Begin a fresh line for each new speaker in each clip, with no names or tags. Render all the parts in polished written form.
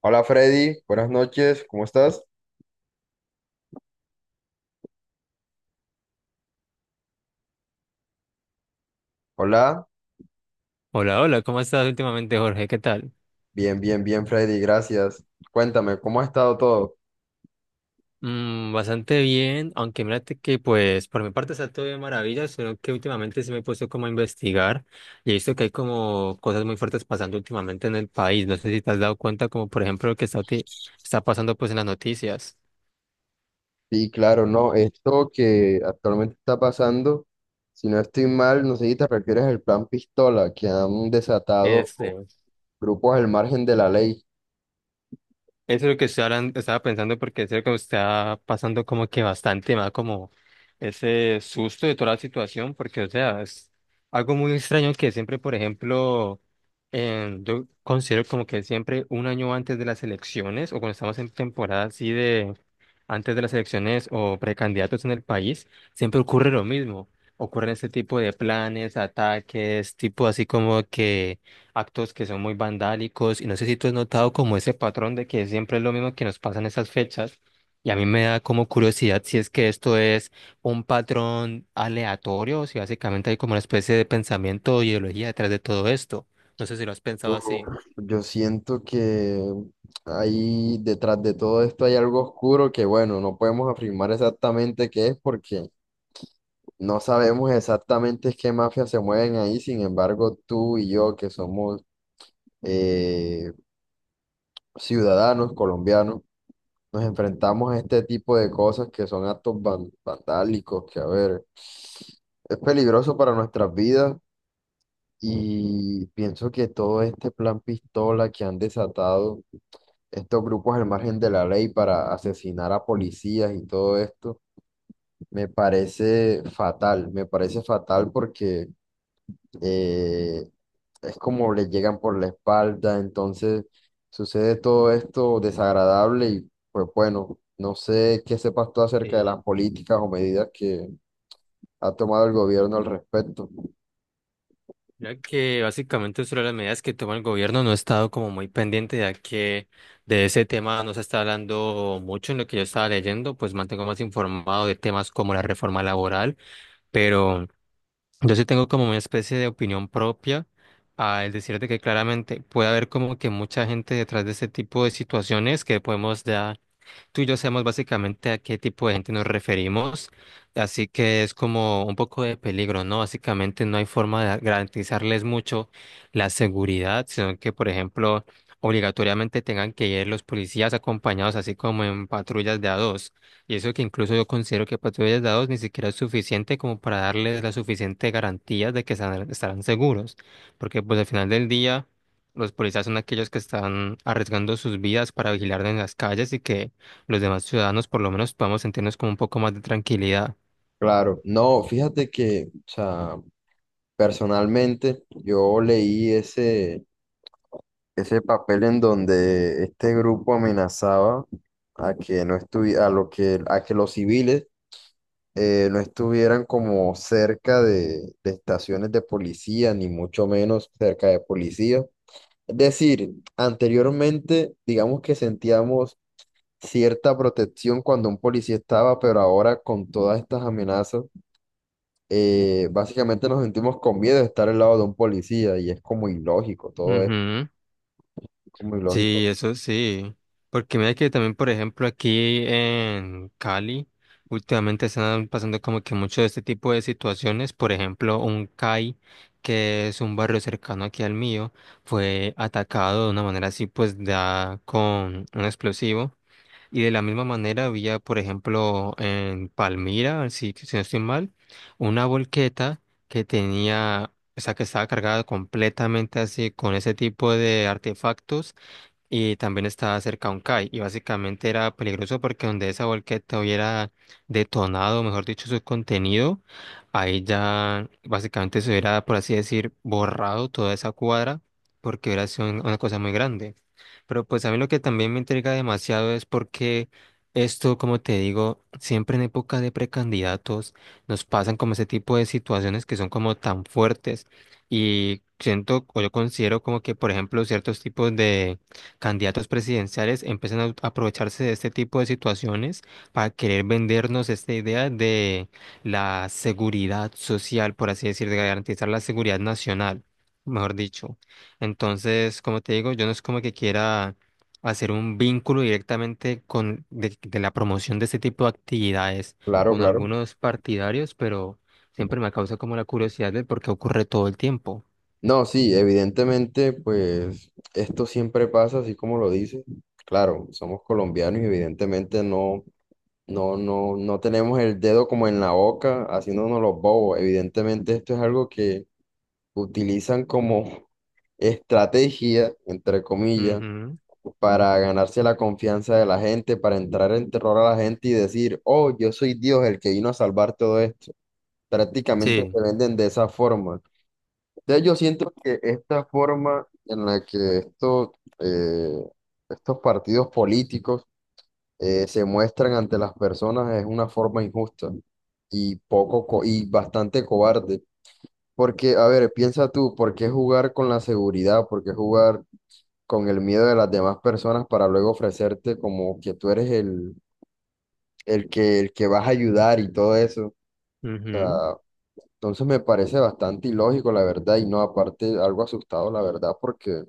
Hola Freddy, buenas noches, ¿cómo estás? Hola,
Hola, hola, ¿cómo estás últimamente, Jorge? ¿Qué tal?
bien Freddy, gracias. Cuéntame, ¿cómo ha estado todo?
Bastante bien, aunque mírate que pues por mi parte está todo de maravilla, solo que últimamente se me he puesto como a investigar y he visto que hay como cosas muy fuertes pasando últimamente en el país. No sé si te has dado cuenta, como por ejemplo lo que está, está pasando pues en las noticias.
Sí, claro, no, esto que actualmente está pasando, si no estoy mal, no sé si te refieres al plan Pistola, que han desatado
este,
grupos al margen de la ley.
Eso es lo que estoy estaba pensando porque es lo que me está pasando como que bastante más como ese susto de toda la situación porque o sea es algo muy extraño que siempre por ejemplo yo considero como que siempre un año antes de las elecciones o cuando estamos en temporada así de antes de las elecciones o precandidatos en el país siempre ocurre lo mismo, ocurren este tipo de planes, ataques tipo así como que actos que son muy vandálicos y no sé si tú has notado como ese patrón de que siempre es lo mismo que nos pasa en esas fechas, y a mí me da como curiosidad si es que esto es un patrón aleatorio o si básicamente hay como una especie de pensamiento o ideología detrás de todo esto. No sé si lo has pensado
Uf,
así.
Yo siento que ahí detrás de todo esto hay algo oscuro que, bueno, no podemos afirmar exactamente qué es porque no sabemos exactamente qué mafias se mueven ahí. Sin embargo, tú y yo, que somos, eh, ciudadanos colombianos, nos enfrentamos a este tipo de cosas que son actos vandálicos, que, a ver, es peligroso para nuestras vidas, y pienso que todo este plan pistola que han desatado estos grupos al margen de la ley para asesinar a policías y todo esto, me parece fatal porque... eh, es como le llegan por la espalda. Entonces sucede todo esto desagradable y pues bueno, no sé qué sepas tú acerca de
Sí.
las políticas o medidas que ha tomado el gobierno al respecto.
Mira que básicamente sobre las medidas que toma el gobierno no he estado como muy pendiente ya que de ese tema no se está hablando mucho en lo que yo estaba leyendo, pues mantengo más informado de temas como la reforma laboral, pero... Yo sí tengo como una especie de opinión propia al decirte que claramente puede haber como que mucha gente detrás de este tipo de situaciones que podemos ya, tú y yo sabemos básicamente a qué tipo de gente nos referimos, así que es como un poco de peligro, ¿no? Básicamente no hay forma de garantizarles mucho la seguridad, sino que, por ejemplo, obligatoriamente tengan que ir los policías acompañados, así como en patrullas de a dos. Y eso que incluso yo considero que patrullas de a dos ni siquiera es suficiente como para darles la suficiente garantía de que estarán seguros, porque pues al final del día... Los policías son aquellos que están arriesgando sus vidas para vigilar en las calles y que los demás ciudadanos por lo menos podamos sentirnos como un poco más de tranquilidad.
Claro, no, fíjate que, o sea, personalmente yo leí ese papel en donde este grupo amenazaba a que no a que los civiles no estuvieran como cerca de estaciones de policía, ni mucho menos cerca de policía. Es decir, anteriormente, digamos que sentíamos cierta protección cuando un policía estaba, pero ahora con todas estas amenazas, básicamente nos sentimos con miedo de estar al lado de un policía y es como ilógico, todo es
Ujú.
como ilógico.
Sí, eso sí. Porque mira que también, por ejemplo, aquí en Cali, últimamente están pasando como que mucho de este tipo de situaciones. Por ejemplo, un CAI, que es un barrio cercano aquí al mío, fue atacado de una manera así, pues da con un explosivo. Y de la misma manera había, por ejemplo, en Palmira, si, si no estoy mal, una volqueta que tenía, o sea, que estaba cargada completamente así con ese tipo de artefactos y también estaba cerca a un CAI y básicamente era peligroso porque donde esa volqueta hubiera detonado, mejor dicho, su contenido, ahí ya básicamente se hubiera, por así decir, borrado toda esa cuadra porque hubiera sido una cosa muy grande. Pero pues a mí lo que también me intriga demasiado es porque esto, como te digo, siempre en época de precandidatos nos pasan como ese tipo de situaciones que son como tan fuertes y siento o yo considero como que, por ejemplo, ciertos tipos de candidatos presidenciales empiezan a a aprovecharse de este tipo de situaciones para querer vendernos esta idea de la seguridad social, por así decir, de garantizar la seguridad nacional, mejor dicho. Entonces, como te digo, yo no es como que quiera hacer un vínculo directamente con de la promoción de este tipo de actividades
Claro,
con
claro.
algunos partidarios, pero siempre me causa como la curiosidad de por qué ocurre todo el tiempo.
No, sí, evidentemente, pues esto siempre pasa, así como lo dice. Claro, somos colombianos y evidentemente no, no tenemos el dedo como en la boca, haciéndonos los bobos. Evidentemente, esto es algo que utilizan como estrategia, entre comillas,
Ujú.
para ganarse la confianza de la gente, para entrar en terror a la gente y decir, oh, yo soy Dios, el que vino a salvar todo esto. Prácticamente
Sí.
se venden de esa forma. Entonces, yo siento que esta forma en la que eh, estos partidos políticos se muestran ante las personas es una forma injusta y y bastante cobarde. Porque, a ver, piensa tú, ¿por qué jugar con la seguridad? ¿Por qué jugar con el miedo de las demás personas para luego ofrecerte como que tú eres el que vas a ayudar y todo eso? O
Ujú.
sea, entonces me parece bastante ilógico, la verdad, y no, aparte, algo asustado, la verdad, porque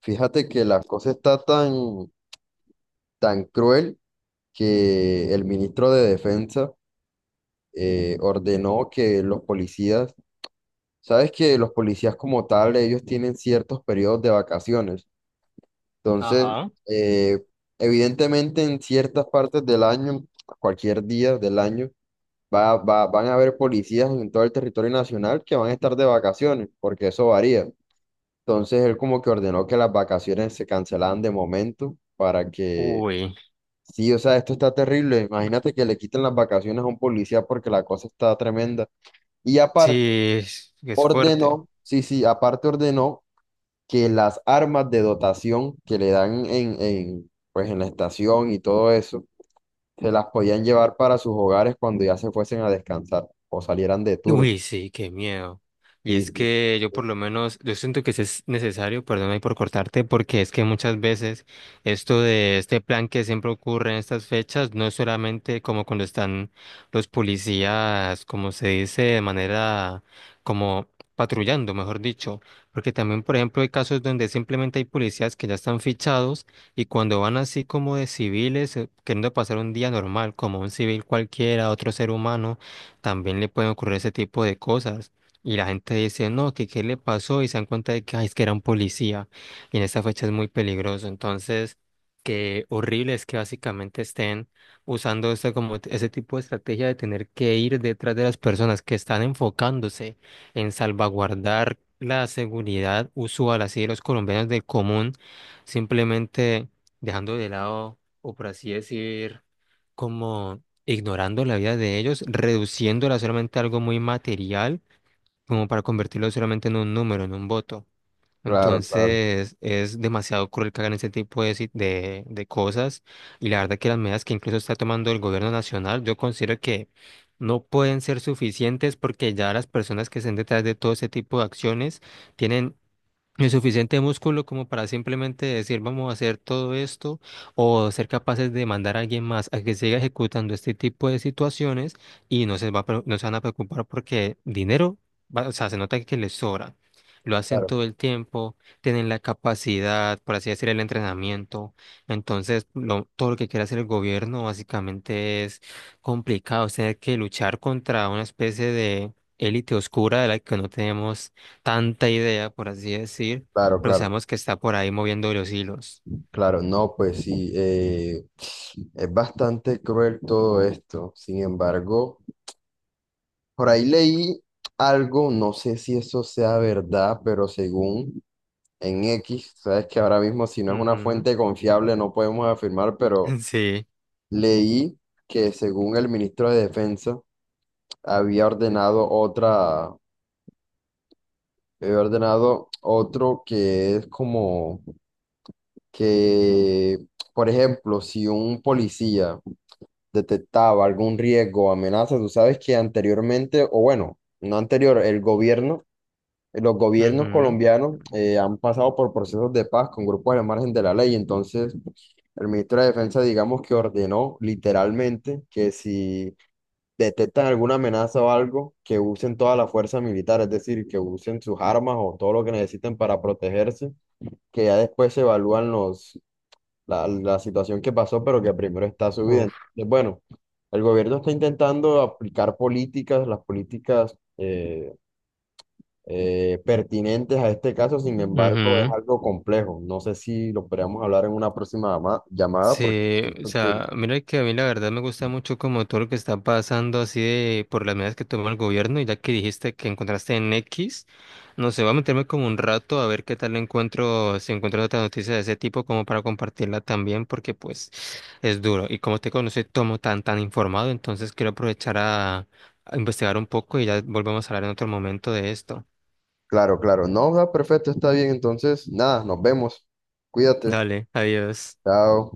fíjate que la cosa está tan cruel que el ministro de Defensa ordenó que los policías, sabes que los policías como tal, ellos tienen ciertos periodos de vacaciones. Entonces,
Ajá.
eh, evidentemente en ciertas partes del año, cualquier día del año, van a haber policías en todo el territorio nacional que van a estar de vacaciones, porque eso varía. Entonces, él como que ordenó que las vacaciones se cancelaran de momento para que...
Uy.
Sí, o sea, esto está terrible. Imagínate que le quiten las vacaciones a un policía porque la cosa está tremenda. Y aparte,
Sí, es fuerte.
ordenó, sí, sí, aparte ordenó que las armas de dotación que le dan pues en la estación y todo eso, se las podían llevar para sus hogares cuando ya se fuesen a descansar o salieran de tour.
Uy, sí, qué miedo. Y
Sí,
es
sí,
que yo por lo menos, yo siento que sí es necesario, perdón ahí por cortarte, porque es que muchas veces esto de este plan que siempre ocurre en estas fechas no es solamente como cuando están los policías, como se dice, de manera como patrullando, mejor dicho, porque también, por ejemplo, hay casos donde simplemente hay policías que ya están fichados y cuando van así como de civiles, queriendo pasar un día normal, como un civil cualquiera, otro ser humano también le pueden ocurrir ese tipo de cosas. Y la gente dice, no, que qué le pasó y se dan cuenta de que, ay, es que era un policía. Y en esta fecha es muy peligroso. Entonces, qué horrible es que básicamente estén usando este, como ese tipo de estrategia de tener que ir detrás de las personas que están enfocándose en salvaguardar la seguridad usual, así de los colombianos del común, simplemente dejando de lado, o por así decir, como ignorando la vida de ellos, reduciéndola solamente a algo muy material, como para convertirlo solamente en un número, en un voto.
claro, claro,
Entonces es demasiado cruel que hagan ese tipo de, de cosas, y la verdad que las medidas que incluso está tomando el gobierno nacional, yo considero que no pueden ser suficientes porque ya las personas que estén detrás de todo ese tipo de acciones tienen el suficiente músculo como para simplemente decir vamos a hacer todo esto o ser capaces de mandar a alguien más a que siga ejecutando este tipo de situaciones y no se no se van a preocupar porque dinero, o sea, se nota que les sobra. Lo hacen
claro,
todo el tiempo, tienen la capacidad, por así decir, el entrenamiento. Entonces, todo lo que quiere hacer el gobierno básicamente es complicado, es tener que luchar contra una especie de élite oscura de la que no tenemos tanta idea, por así decir,
claro,
pero
claro,
sabemos que está por ahí moviendo los hilos.
claro. No, pues sí, es bastante cruel todo esto. Sin embargo, por ahí leí algo, no sé si eso sea verdad, pero según en X, sabes que ahora mismo si no es una
Ujú.
fuente confiable no podemos afirmar, pero
Sí.
leí que según el ministro de Defensa había ordenado otra, había ordenado otro que es como que, por ejemplo, si un policía detectaba algún riesgo o amenaza, tú sabes que anteriormente, o bueno, no anterior, el gobierno los gobiernos
Ujú.
colombianos han pasado por procesos de paz con grupos al margen de la ley. Entonces, el ministro de Defensa, digamos que ordenó literalmente que si detectan alguna amenaza o algo, que usen toda la fuerza militar, es decir, que usen sus armas o todo lo que necesiten para protegerse, que ya después se evalúan la situación que pasó, pero que primero está su vida.
Uf.
Entonces, bueno, el gobierno está intentando aplicar políticas, las políticas pertinentes a este caso. Sin embargo, es
Ujú.
algo complejo. No sé si lo podríamos hablar en una próxima llamada, porque
Sí, o
siento que...
sea, mira que a mí la verdad me gusta mucho como todo lo que está pasando así de por las medidas que toma el gobierno y ya que dijiste que encontraste en X, no sé, voy a meterme como un rato a ver qué tal encuentro, si encuentro otra noticia de ese tipo como para compartirla también porque pues es duro y como te conocí tomo tan informado, entonces quiero aprovechar a investigar un poco y ya volvemos a hablar en otro momento de esto.
Claro, claro, no, ah, perfecto, está bien, entonces, nada, nos vemos. Cuídate,
Dale, adiós.
chao.